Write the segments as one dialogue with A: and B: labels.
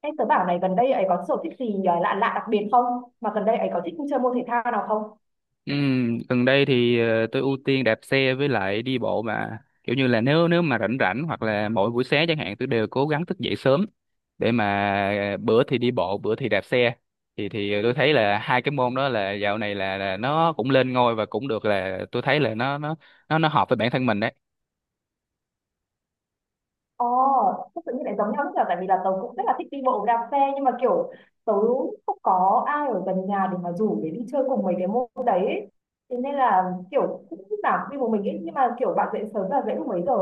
A: Em tớ bảo này gần đây ấy có sở thích gì lạ lạ đặc biệt không? Mà gần đây ấy có thích chơi môn thể thao nào không?
B: Gần đây thì tôi ưu tiên đạp xe với lại đi bộ, mà kiểu như là nếu nếu mà rảnh rảnh hoặc là mỗi buổi sáng chẳng hạn, tôi đều cố gắng thức dậy sớm để mà bữa thì đi bộ, bữa thì đạp xe. Thì tôi thấy là hai cái môn đó là dạo này là nó cũng lên ngôi, và cũng được, là tôi thấy là nó hợp với bản thân mình đấy.
A: Ồ, oh, tự nhiên lại giống nhau, rất là tại vì là tớ cũng rất là thích đi bộ đạp xe, nhưng mà kiểu tớ không có ai ở gần nhà để mà rủ để đi chơi cùng mấy cái môn đấy ấy. Thế nên là kiểu cũng lúc nào cũng đi một mình ấy, nhưng mà kiểu bạn dậy sớm là dậy lúc mấy giờ?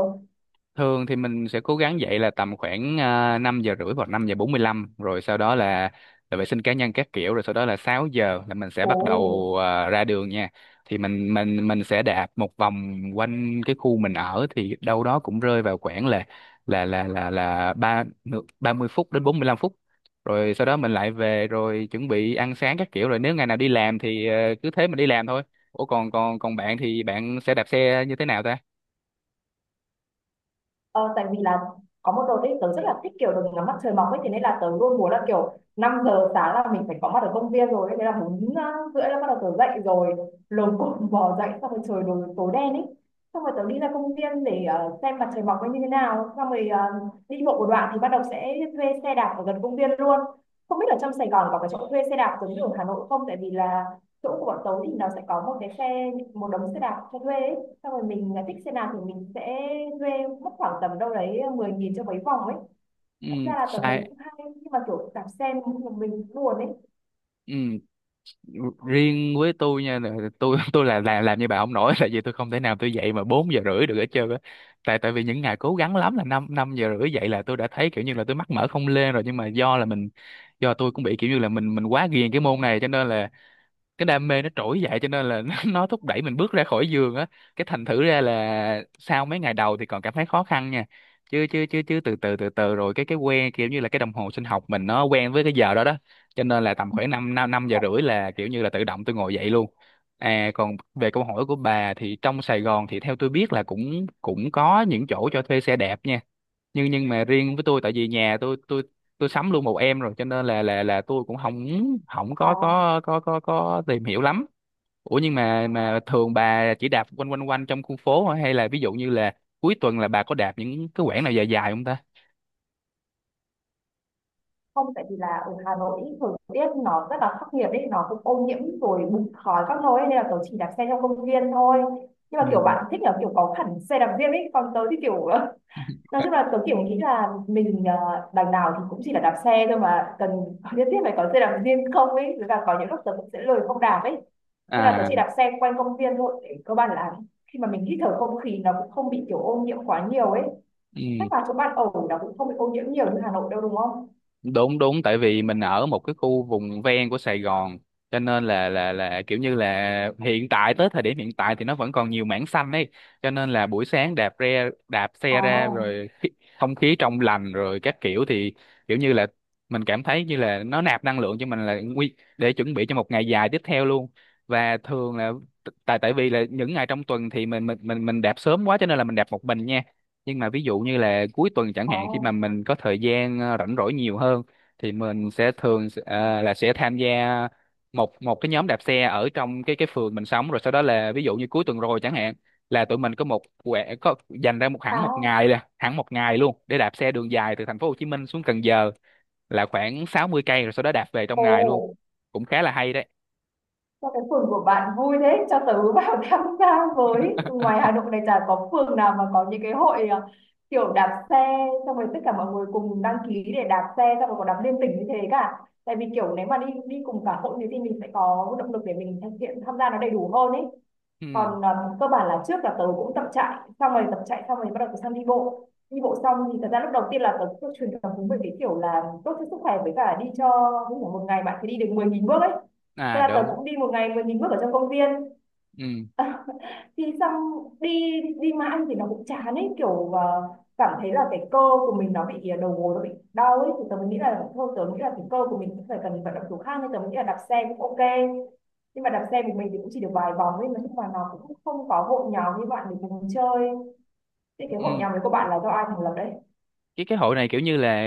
B: Thường thì mình sẽ cố gắng dậy là tầm khoảng 5 giờ rưỡi hoặc 5 giờ 45, rồi sau đó là vệ sinh cá nhân các kiểu, rồi sau đó là 6 giờ là mình sẽ bắt
A: Ồ.
B: đầu, ra đường nha. Thì mình sẽ đạp một vòng quanh cái khu mình ở, thì đâu đó cũng rơi vào khoảng là ba 30 phút đến 45 phút. Rồi sau đó mình lại về rồi chuẩn bị ăn sáng các kiểu, rồi nếu ngày nào đi làm thì cứ thế mình đi làm thôi. Ủa, còn còn còn bạn thì bạn sẽ đạp xe như thế nào ta?
A: Ờ, tại vì là có một đợt ấy tớ rất là thích kiểu được ngắm mặt trời mọc ấy, thế nên là tớ luôn muốn là kiểu 5 giờ sáng là mình phải có mặt ở công viên rồi ấy. Thế là bốn rưỡi là bắt đầu tớ dậy rồi, lồm cồm bò dậy xong rồi trời đổ tối đen ấy, xong rồi tớ đi ra công viên để xem mặt trời mọc ấy như thế nào, xong rồi đi bộ một đoạn thì bắt đầu sẽ thuê xe đạp ở gần công viên luôn. Không biết là trong Sài Gòn có cái chỗ thuê xe đạp giống như ở Hà Nội không, tại vì là chỗ của bọn tớ thì nó sẽ có một cái xe, một đống xe đạp cho thuê ấy, xong rồi mình là thích xe nào thì mình sẽ thuê, mất khoảng tầm đâu đấy 10 nghìn cho mấy vòng ấy.
B: Ừ,
A: Thật ra là tôi thấy
B: sai.
A: cũng hay, nhưng mà kiểu đạp xe một mình buồn ấy.
B: Ừ. Riêng với tôi nha, là tôi tôi là làm như bà không nổi, tại vì tôi không thể nào tôi dậy mà 4 giờ rưỡi được hết trơn á. Tại tại vì những ngày cố gắng lắm là 5 năm giờ rưỡi dậy là tôi đã thấy kiểu như là tôi mắt mở không lên rồi. Nhưng mà do là mình do tôi cũng bị kiểu như là mình quá ghiền cái môn này, cho nên là cái đam mê nó trỗi dậy, cho nên là nó thúc đẩy mình bước ra khỏi giường á. Cái thành thử ra là sau mấy ngày đầu thì còn cảm thấy khó khăn nha, chứ chứ chứ chứ từ từ rồi cái quen kiểu như là cái đồng hồ sinh học mình nó quen với cái giờ đó đó cho nên là tầm khoảng năm năm năm giờ rưỡi là kiểu như là tự động tôi ngồi dậy luôn. À, còn về câu hỏi của bà thì trong Sài Gòn thì theo tôi biết là cũng cũng có những chỗ cho thuê xe đạp nha. Nhưng mà riêng với tôi, tại vì nhà tôi sắm luôn một em rồi, cho nên là là tôi cũng không không
A: À,
B: có tìm hiểu lắm. Ủa, nhưng mà thường bà chỉ đạp quanh quanh quanh trong khu phố hả? Hay là ví dụ như là cuối tuần là bà có đạp những cái quãng nào dài dài không ta?
A: không, tại vì là ở Hà Nội ý, thời tiết nó rất là khắc nghiệt ấy, nó cũng ô nhiễm rồi bụi khói các nơi ấy, nên là tôi chỉ đạp xe trong công viên thôi. Nhưng
B: Ừ.
A: mà kiểu bạn thích là kiểu có hẳn xe đạp riêng ấy, còn tớ thì kiểu Nói chung là tớ kiểu nghĩ là mình đằng nào thì cũng chỉ là đạp xe thôi mà cần nhất thiết phải có xe đạp riêng không ấy, với cả có những lúc tớ cũng sẽ lười không đạp ấy, nên là tớ
B: À.
A: chỉ đạp xe quanh công viên thôi để cơ bản là khi mà mình hít thở không khí nó cũng không bị kiểu ô nhiễm quá nhiều ấy.
B: Ừ.
A: Chắc là chỗ bạn ở nó cũng không bị ô nhiễm nhiều như Hà Nội đâu đúng không?
B: Đúng đúng, tại vì mình ở một cái khu vùng ven của Sài Gòn, cho nên là là kiểu như là hiện tại, tới thời điểm hiện tại thì nó vẫn còn nhiều mảng xanh ấy. Cho nên là buổi sáng đạp đạp xe ra
A: À.
B: rồi không khí trong lành rồi các kiểu, thì kiểu như là mình cảm thấy như là nó nạp năng lượng cho mình là nguy để chuẩn bị cho một ngày dài tiếp theo luôn. Và thường là t- tại tại vì là những ngày trong tuần thì mình mình đạp sớm quá, cho nên là mình đạp một mình nha. Nhưng mà ví dụ như là cuối tuần chẳng hạn, khi mà
A: À.
B: mình có thời gian rảnh rỗi nhiều hơn, thì mình sẽ thường là sẽ tham gia một một cái nhóm đạp xe ở trong cái phường mình sống. Rồi sau đó là ví dụ như cuối tuần rồi chẳng hạn, là tụi mình có một quẻ có dành ra một,
A: À.
B: hẳn một ngày nè, hẳn một ngày luôn để đạp xe đường dài từ thành phố Hồ Chí Minh xuống Cần Giờ, là khoảng 60 cây, rồi sau đó đạp về trong
A: Ồ.
B: ngày luôn. Cũng khá là hay đấy.
A: Sao cái phường của bạn vui thế? Cho tớ vào tham gia với. Ngoài Hà Nội này chả có phường nào mà có những cái hội à, kiểu đạp xe xong rồi tất cả mọi người cùng đăng ký để đạp xe, xong rồi còn đạp liên tỉnh như thế cả. Tại vì kiểu nếu mà đi đi cùng cả hội thì mình sẽ có động lực để mình thực hiện tham gia nó đầy đủ hơn ấy. Còn
B: Ừ.
A: cơ bản là trước là tớ cũng tập chạy xong rồi bắt đầu tớ sang đi bộ, đi bộ xong thì thật ra lúc đầu tiên là tớ cứ truyền cảm hứng về cái kiểu là tốt cho sức khỏe với cả đi cho ví dụ một ngày bạn phải đi được 10.000 bước ấy. Thế
B: À,
A: là tớ
B: đúng.
A: cũng đi một ngày 10.000 bước ở trong công viên.
B: Ừ.
A: Thì xong đi, đi mà ăn thì nó cũng chán ấy kiểu cảm thấy là cái cơ của mình nó bị đầu gối nó bị đau ấy, thì tớ mới nghĩ là thôi tớ nghĩ là cái cơ của mình cũng phải cần vận động kiểu khác, nên tớ mới nghĩ là đạp xe cũng ok. Nhưng mà đạp xe của mình thì cũng chỉ được vài vòng ấy mà, nhưng mà nó cũng không có hội nhóm như bạn để cùng chơi. Thế cái hội
B: Ừ.
A: nhóm đấy của bạn là do ai thành lập đấy?
B: Cái hội này kiểu như là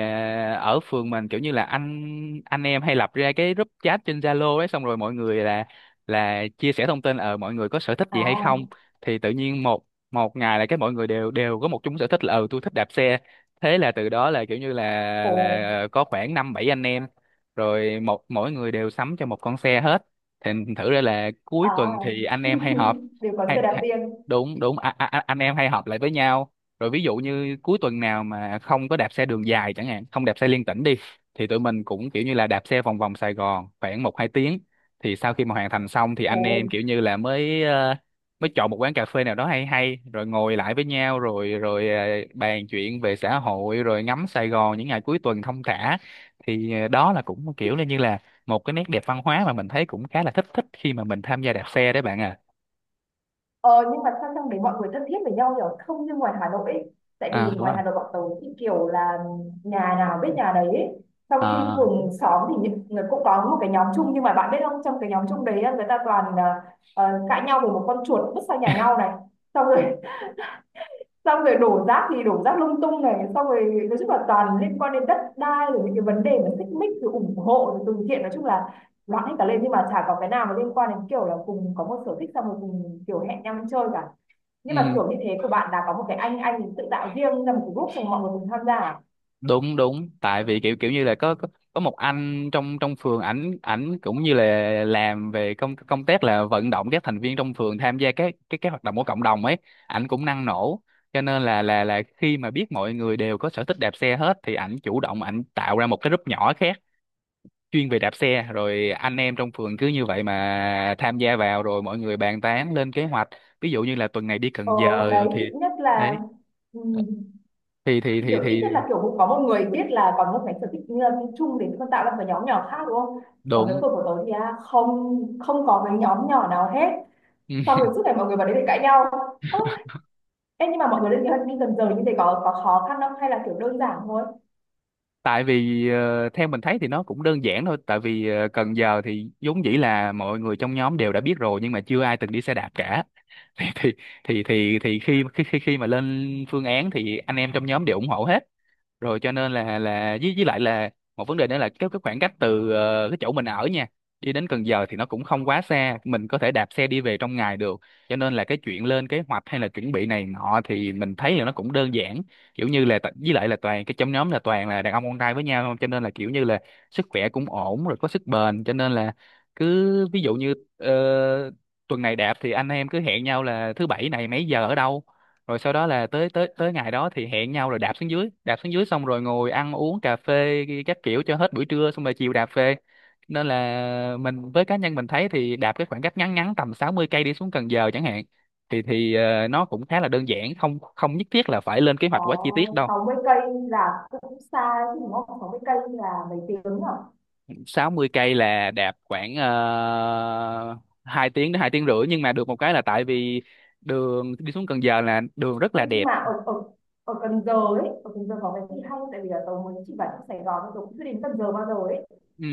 B: ở phường mình, kiểu như là anh em hay lập ra cái group chat trên Zalo ấy, xong rồi mọi người là chia sẻ thông tin, ờ, mọi người có sở thích gì hay không.
A: À.
B: Thì tự nhiên một một ngày là cái mọi người đều đều có một chung sở thích là, ừ, tôi thích đạp xe. Thế là từ đó là kiểu như là
A: Ồ.
B: ờ, có khoảng năm bảy anh em, rồi mỗi người đều sắm cho một con xe hết. Thì thử ra là cuối
A: À.
B: tuần thì anh em hay họp.
A: Đều có
B: Hay,
A: xe đạp
B: hay.
A: riêng.
B: Đúng đúng, anh em hay họp lại với nhau, rồi ví dụ như cuối tuần nào mà không có đạp xe đường dài chẳng hạn, không đạp xe liên tỉnh đi, thì tụi mình cũng kiểu như là đạp xe vòng vòng Sài Gòn khoảng một hai tiếng. Thì sau khi mà hoàn thành xong thì anh em
A: Ồ.
B: kiểu như là mới, mới chọn một quán cà phê nào đó hay hay, rồi ngồi lại với nhau, rồi rồi bàn chuyện về xã hội, rồi ngắm Sài Gòn những ngày cuối tuần thong thả. Thì đó là cũng kiểu là như là một cái nét đẹp văn hóa mà mình thấy cũng khá là thích thích khi mà mình tham gia đạp xe đấy, bạn à.
A: Ờ, nhưng mà sao trong đấy mọi người thân thiết với nhau nhỉ? Không như ngoài Hà Nội ấy. Tại
B: À,
A: vì
B: đúng
A: ngoài
B: rồi.
A: Hà Nội bọn tớ thì kiểu là nhà nào biết nhà đấy ấy. Trong khi
B: À.
A: phường xóm thì những người cũng có một cái nhóm chung, nhưng mà bạn biết không, trong cái nhóm chung đấy á, người ta toàn à, cãi nhau về một con chuột vứt sang nhà nhau này, xong rồi xong rồi đổ rác thì đổ rác lung tung này, xong rồi nói chung là toàn liên quan đến đất đai rồi những cái vấn đề mà xích mích rồi ủng hộ rồi từ thiện, nói chung là loạn hết cả lên, nhưng mà chả có cái nào mà liên quan đến kiểu là cùng có một sở thích xong rồi cùng kiểu hẹn nhau đi chơi cả. Nhưng mà
B: Ừ,
A: kiểu như thế của bạn là có một cái anh tự tạo riêng ra một cái group xong mọi người cùng tham gia à?
B: đúng đúng, tại vì kiểu kiểu như là có một anh trong trong phường, ảnh ảnh cũng như là làm về công công tác là vận động các thành viên trong phường tham gia các cái hoạt động của cộng đồng ấy. Ảnh cũng năng nổ, cho nên là là khi mà biết mọi người đều có sở thích đạp xe hết, thì ảnh chủ động ảnh tạo ra một cái group nhỏ khác chuyên về đạp xe, rồi anh em trong phường cứ như vậy mà tham gia vào, rồi mọi người bàn tán lên kế hoạch, ví dụ như là tuần này đi
A: Ờ,
B: Cần Giờ
A: đấy
B: thì.
A: ít nhất là.
B: Đấy.
A: Ừm.
B: thì thì
A: Thì
B: thì
A: kiểu ít
B: thì
A: nhất là kiểu cũng có một người biết là còn một cái sở thích chung để con tạo ra một cái nhóm nhỏ khác đúng không? Còn cái
B: đúng.
A: phường của tớ thì à, không, không có cái nhóm nhỏ nào hết.
B: Ừ,
A: Xong rồi suốt ngày mọi người vào đấy để cãi nhau. Ơ. Ê, nhưng mà mọi người lên kế hoạch đi dần dần như thế có khó khăn không hay là kiểu đơn giản thôi?
B: tại vì theo mình thấy thì nó cũng đơn giản thôi, tại vì Cần Giờ thì vốn dĩ là mọi người trong nhóm đều đã biết rồi, nhưng mà chưa ai từng đi xe đạp cả. thì thì thì khi, khi khi khi mà lên phương án thì anh em trong nhóm đều ủng hộ hết rồi, cho nên là với lại là một vấn đề nữa là cái khoảng cách từ cái chỗ mình ở nha, đi đến Cần Giờ thì nó cũng không quá xa, mình có thể đạp xe đi về trong ngày được. Cho nên là cái chuyện lên kế hoạch hay là chuẩn bị này nọ thì mình thấy là nó cũng đơn giản, kiểu như là với lại là toàn cái trong nhóm là toàn là đàn ông con trai với nhau, cho nên là kiểu như là sức khỏe cũng ổn rồi, có sức bền, cho nên là cứ ví dụ như tuần này đạp thì anh em cứ hẹn nhau là thứ bảy này mấy giờ ở đâu, rồi sau đó là tới tới tới ngày đó thì hẹn nhau rồi đạp xuống dưới, xong rồi ngồi ăn uống cà phê các kiểu cho hết buổi trưa, xong rồi chiều đạp về. Nên là mình, với cá nhân mình thấy thì đạp cái khoảng cách ngắn ngắn tầm 60 cây đi xuống Cần Giờ chẳng hạn, thì ờ, nó cũng khá là đơn giản, không không nhất thiết là phải lên kế hoạch quá chi tiết
A: Có,
B: đâu.
A: 60 cây là cũng xa chứ đúng không? 60 cây là mấy tiếng à?
B: 60 cây là đạp khoảng 2 tiếng đến 2 tiếng rưỡi, nhưng mà được một cái là tại vì đường đi xuống Cần Giờ là đường rất
A: Ê,
B: là
A: nhưng
B: đẹp.
A: mà ở ở ở Cần Giờ ấy, ở Cần Giờ có cái gì hay không? Tại vì là tớ mới chỉ vào trong Sài Gòn thôi, tớ cũng chưa đến Cần Giờ bao giờ ấy.
B: Ừ.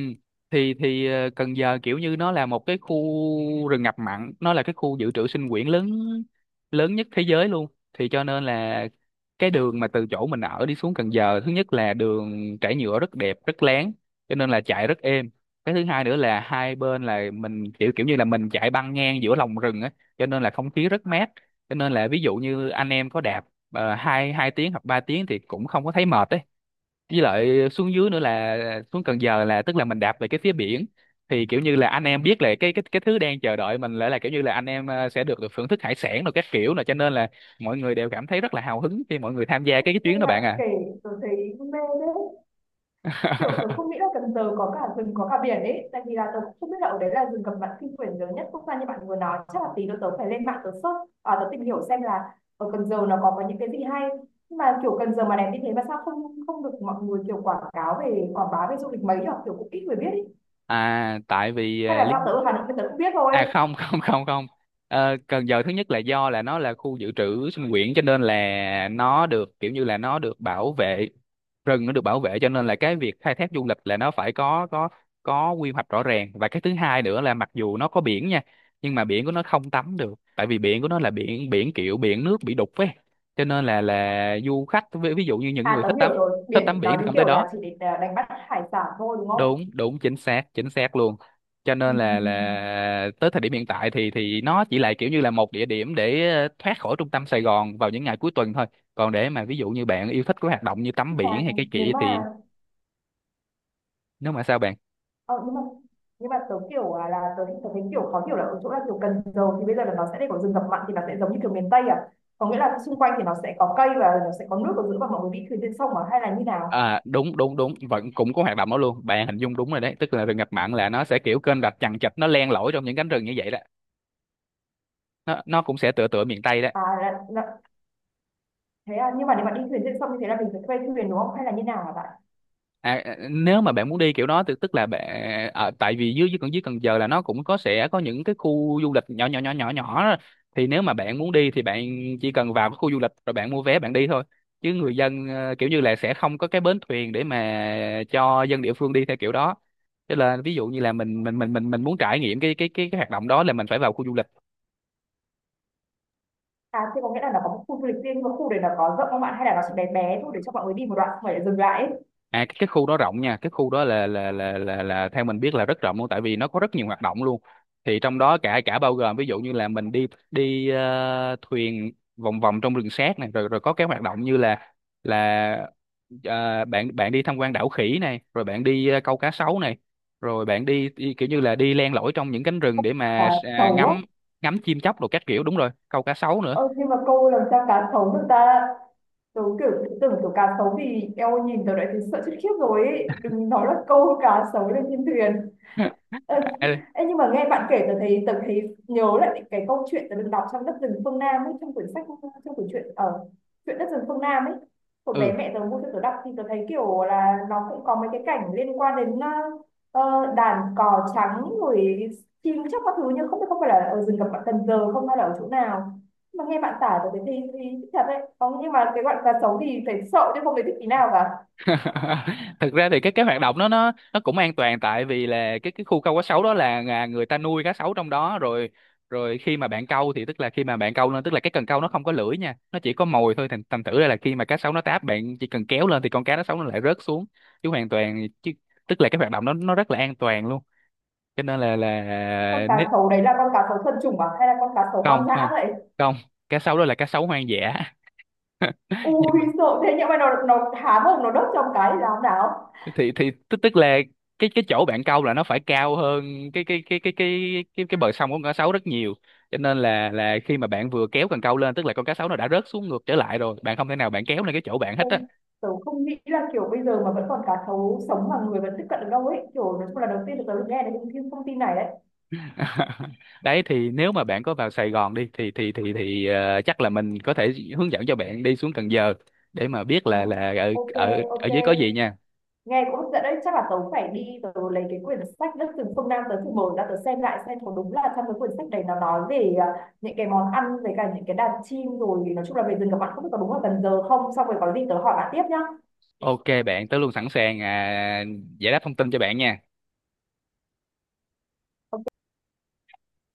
B: Thì ờ, Cần Giờ kiểu như nó là một cái khu rừng ngập mặn, nó là cái khu dự trữ sinh quyển lớn, lớn nhất thế giới luôn. Thì cho nên là cái đường mà từ chỗ mình ở đi xuống Cần Giờ, thứ nhất là đường trải nhựa rất đẹp, rất láng, cho nên là chạy rất êm. Cái thứ hai nữa là hai bên là mình kiểu, kiểu như là mình chạy băng ngang giữa lòng rừng á, cho nên là không khí rất mát. Cho nên là ví dụ như anh em có đạp hai hai tiếng hoặc 3 tiếng thì cũng không có thấy mệt ấy, với lại xuống dưới nữa là xuống Cần Giờ là tức là mình đạp về cái phía biển thì kiểu như là anh em biết là cái thứ đang chờ đợi mình là kiểu như là anh em sẽ được được thưởng thức hải sản rồi các kiểu, là cho nên là mọi người đều cảm thấy rất là hào hứng khi mọi người tham gia cái
A: Nghe
B: chuyến đó
A: bạn
B: bạn
A: kể tớ thấy mê đấy, kiểu
B: à.
A: tớ không nghĩ là Cần Giờ có cả rừng có cả biển ấy, tại vì là tớ cũng không biết là ở đấy là rừng cầm bản kinh quyển lớn nhất quốc gia như bạn vừa nói. Chắc là tí nữa tớ phải lên mạng tớ search à, tớ tìm hiểu xem là ở Cần Giờ nó có những cái gì hay. Nhưng mà kiểu Cần Giờ mà đẹp như thế mà sao không không được mọi người kiểu quảng cáo về quảng bá về du lịch mấy nhở, kiểu cũng ít người biết ấy.
B: à tại vì
A: Hay
B: à,
A: là
B: lý
A: do tớ ở Hà Nội nên tớ cũng biết thôi.
B: À không. Không, không, không. Ờ, Cần Giờ thứ nhất là do là nó là khu dự trữ sinh quyển cho nên là nó được kiểu như là nó được bảo vệ, rừng nó được bảo vệ, cho nên là cái việc khai thác du lịch là nó phải có quy hoạch rõ ràng. Và cái thứ hai nữa là mặc dù nó có biển nha, nhưng mà biển của nó không tắm được, tại vì biển của nó là biển biển kiểu biển nước bị đục ấy, cho nên là du khách ví dụ như những
A: À
B: người
A: tớ
B: thích
A: hiểu
B: tắm,
A: rồi,
B: thích
A: biển
B: tắm
A: nó
B: biển thì
A: như
B: không tới
A: kiểu
B: đó.
A: là chỉ để à, đánh bắt hải sản thôi đúng không?
B: Đúng, đúng, chính xác, chính xác luôn. Cho
A: Ừ.
B: nên
A: Ừ,
B: là
A: ừ.
B: tới thời điểm hiện tại thì nó chỉ là kiểu như là một địa điểm để thoát khỏi trung tâm Sài Gòn vào những ngày cuối tuần thôi. Còn để mà ví dụ như bạn yêu thích cái hoạt động như tắm
A: Nhưng mà
B: biển hay cái
A: nếu
B: kia
A: mà
B: thì, nếu mà sao bạn?
A: ờ, nhưng mà nhưng mà tớ kiểu à, là tớ thấy kiểu khó hiểu là ở chỗ là kiểu Cần Giờ thì bây giờ là nó sẽ để có rừng ngập mặn thì nó sẽ giống như kiểu miền Tây à? Có nghĩa là xung quanh thì nó sẽ có cây và nó sẽ có nước ở giữa và mọi người đi thuyền trên sông à? Hay là như nào?
B: À đúng, đúng, đúng, vẫn cũng có hoạt động đó luôn, bạn hình dung đúng rồi đấy, tức là rừng ngập mặn là nó sẽ kiểu kênh rạch chằng chịt, nó len lỏi trong những cánh rừng như vậy đó. Nó cũng sẽ tựa tựa miền Tây đó.
A: À là, thế à, nhưng mà nếu mà đi thuyền trên sông như thế là mình phải thuê thuyền đúng không? Hay là như nào hả bạn?
B: À, à, nếu mà bạn muốn đi kiểu đó thì tức là bạn ở tại vì dưới, dưới Cần Giờ là nó cũng có, sẽ có những cái khu du lịch nhỏ nhỏ nhỏ nhỏ nhỏ đó. Thì nếu mà bạn muốn đi thì bạn chỉ cần vào cái khu du lịch rồi bạn mua vé bạn đi thôi, chứ người dân kiểu như là sẽ không có cái bến thuyền để mà cho dân địa phương đi theo kiểu đó. Cho là ví dụ như là mình muốn trải nghiệm hoạt động đó là mình phải vào khu du lịch.
A: À thế có nghĩa là nó có một khu du lịch riêng nhưng mà khu đấy nó có rộng không bạn? Hay là nó chỉ bé bé thôi để cho mọi người đi một đoạn xong rồi lại dừng lại ấy?
B: À cái khu đó rộng nha, cái khu đó là theo mình biết là rất rộng luôn, tại vì nó có rất nhiều hoạt động luôn. Thì trong đó cả cả bao gồm ví dụ như là mình đi đi thuyền vòng vòng trong rừng Sác này, rồi rồi có cái hoạt động như là là bạn bạn đi tham quan đảo khỉ này, rồi bạn đi câu cá sấu này, rồi bạn đi, đi kiểu như là đi len lỏi trong những cánh rừng để
A: À,
B: mà
A: xấu á.
B: ngắm, ngắm chim chóc đồ các kiểu, đúng rồi, câu cá sấu nữa.
A: Ơ nhưng mà cô làm sao cá sấu được ta? Tớ kiểu tưởng kiểu cá sấu thì eo, nhìn tớ đã thấy sợ chết khiếp rồi ấy. Đừng nói là câu cá sấu lên trên thuyền. Ờ.
B: À,
A: Ê, nhưng mà nghe bạn kể tớ thấy nhớ lại những cái câu chuyện tớ được đọc trong đất rừng phương Nam ấy, trong quyển sách, trong quyển truyện ở chuyện đất rừng phương Nam ấy hồi bé
B: ừ.
A: mẹ tớ mua cho tớ đọc, thì tớ thấy kiểu là nó cũng có mấy cái cảnh liên quan đến đàn cò trắng rồi chim chóc các thứ, nhưng không biết không phải là ở rừng gặp bạn Cần Giờ không hay là ở chỗ nào. Nhưng mà nghe bạn tả tớ thấy thì thích thật đấy. Không nhưng mà cái bạn cá sấu thì phải sợ chứ không phải thích tí nào cả.
B: Thực ra thì cái hoạt động đó nó cũng an toàn, tại vì là cái khu câu cá sấu đó là người ta nuôi cá sấu trong đó rồi, khi mà bạn câu thì tức là khi mà bạn câu lên, tức là cái cần câu nó không có lưỡi nha, nó chỉ có mồi thôi, thành thành thử ra là khi mà cá sấu nó táp, bạn chỉ cần kéo lên thì con cá nó sấu nó lại rớt xuống, chứ hoàn toàn, chứ tức là cái hoạt động đó nó rất là an toàn luôn. Cho nên là
A: Con cá
B: nế-
A: sấu đấy là con cá sấu thuần chủng à hay là con cá sấu
B: không,
A: hoang dã
B: không,
A: vậy?
B: không, cá sấu đó là cá sấu hoang dã. Nhưng
A: Ui,
B: mà
A: sợ thế, nhưng mà nó há mồm nó đốt trong cái thì làm nào?
B: thì tức tức là cái chỗ bạn câu là nó phải cao hơn cái bờ sông của con cá sấu rất nhiều, cho nên là khi mà bạn vừa kéo cần câu lên, tức là con cá sấu nó đã rớt xuống ngược trở lại rồi, bạn không thể nào bạn kéo lên cái chỗ bạn hết
A: Ôi
B: á.
A: tớ không nghĩ là kiểu bây giờ mà vẫn còn cá thấu sống mà người vẫn tiếp cận được đâu ấy, kiểu nói chung là đầu tiên là tớ được nghe được những cái thông tin này đấy.
B: Đấy, thì nếu mà bạn có vào Sài Gòn đi thì chắc là mình có thể hướng dẫn cho bạn đi xuống Cần Giờ để mà biết
A: Ờ,
B: là ở
A: ok
B: ở ở
A: ok
B: dưới có gì nha.
A: nghe cũng hấp dẫn đấy, chắc là tớ phải đi tớ lấy cái quyển sách đất rừng phương Nam tớ thử mở ra tớ xem lại xem có đúng là trong cái quyển sách đấy nó nói về à, những cái món ăn với cả những cái đàn chim rồi nói chung là về rừng các bạn, không biết có đúng là Cần Giờ không, xong rồi có gì tớ hỏi bạn tiếp nhá.
B: Ok bạn, tớ luôn sẵn sàng giải đáp thông tin cho bạn nha.
A: Ok.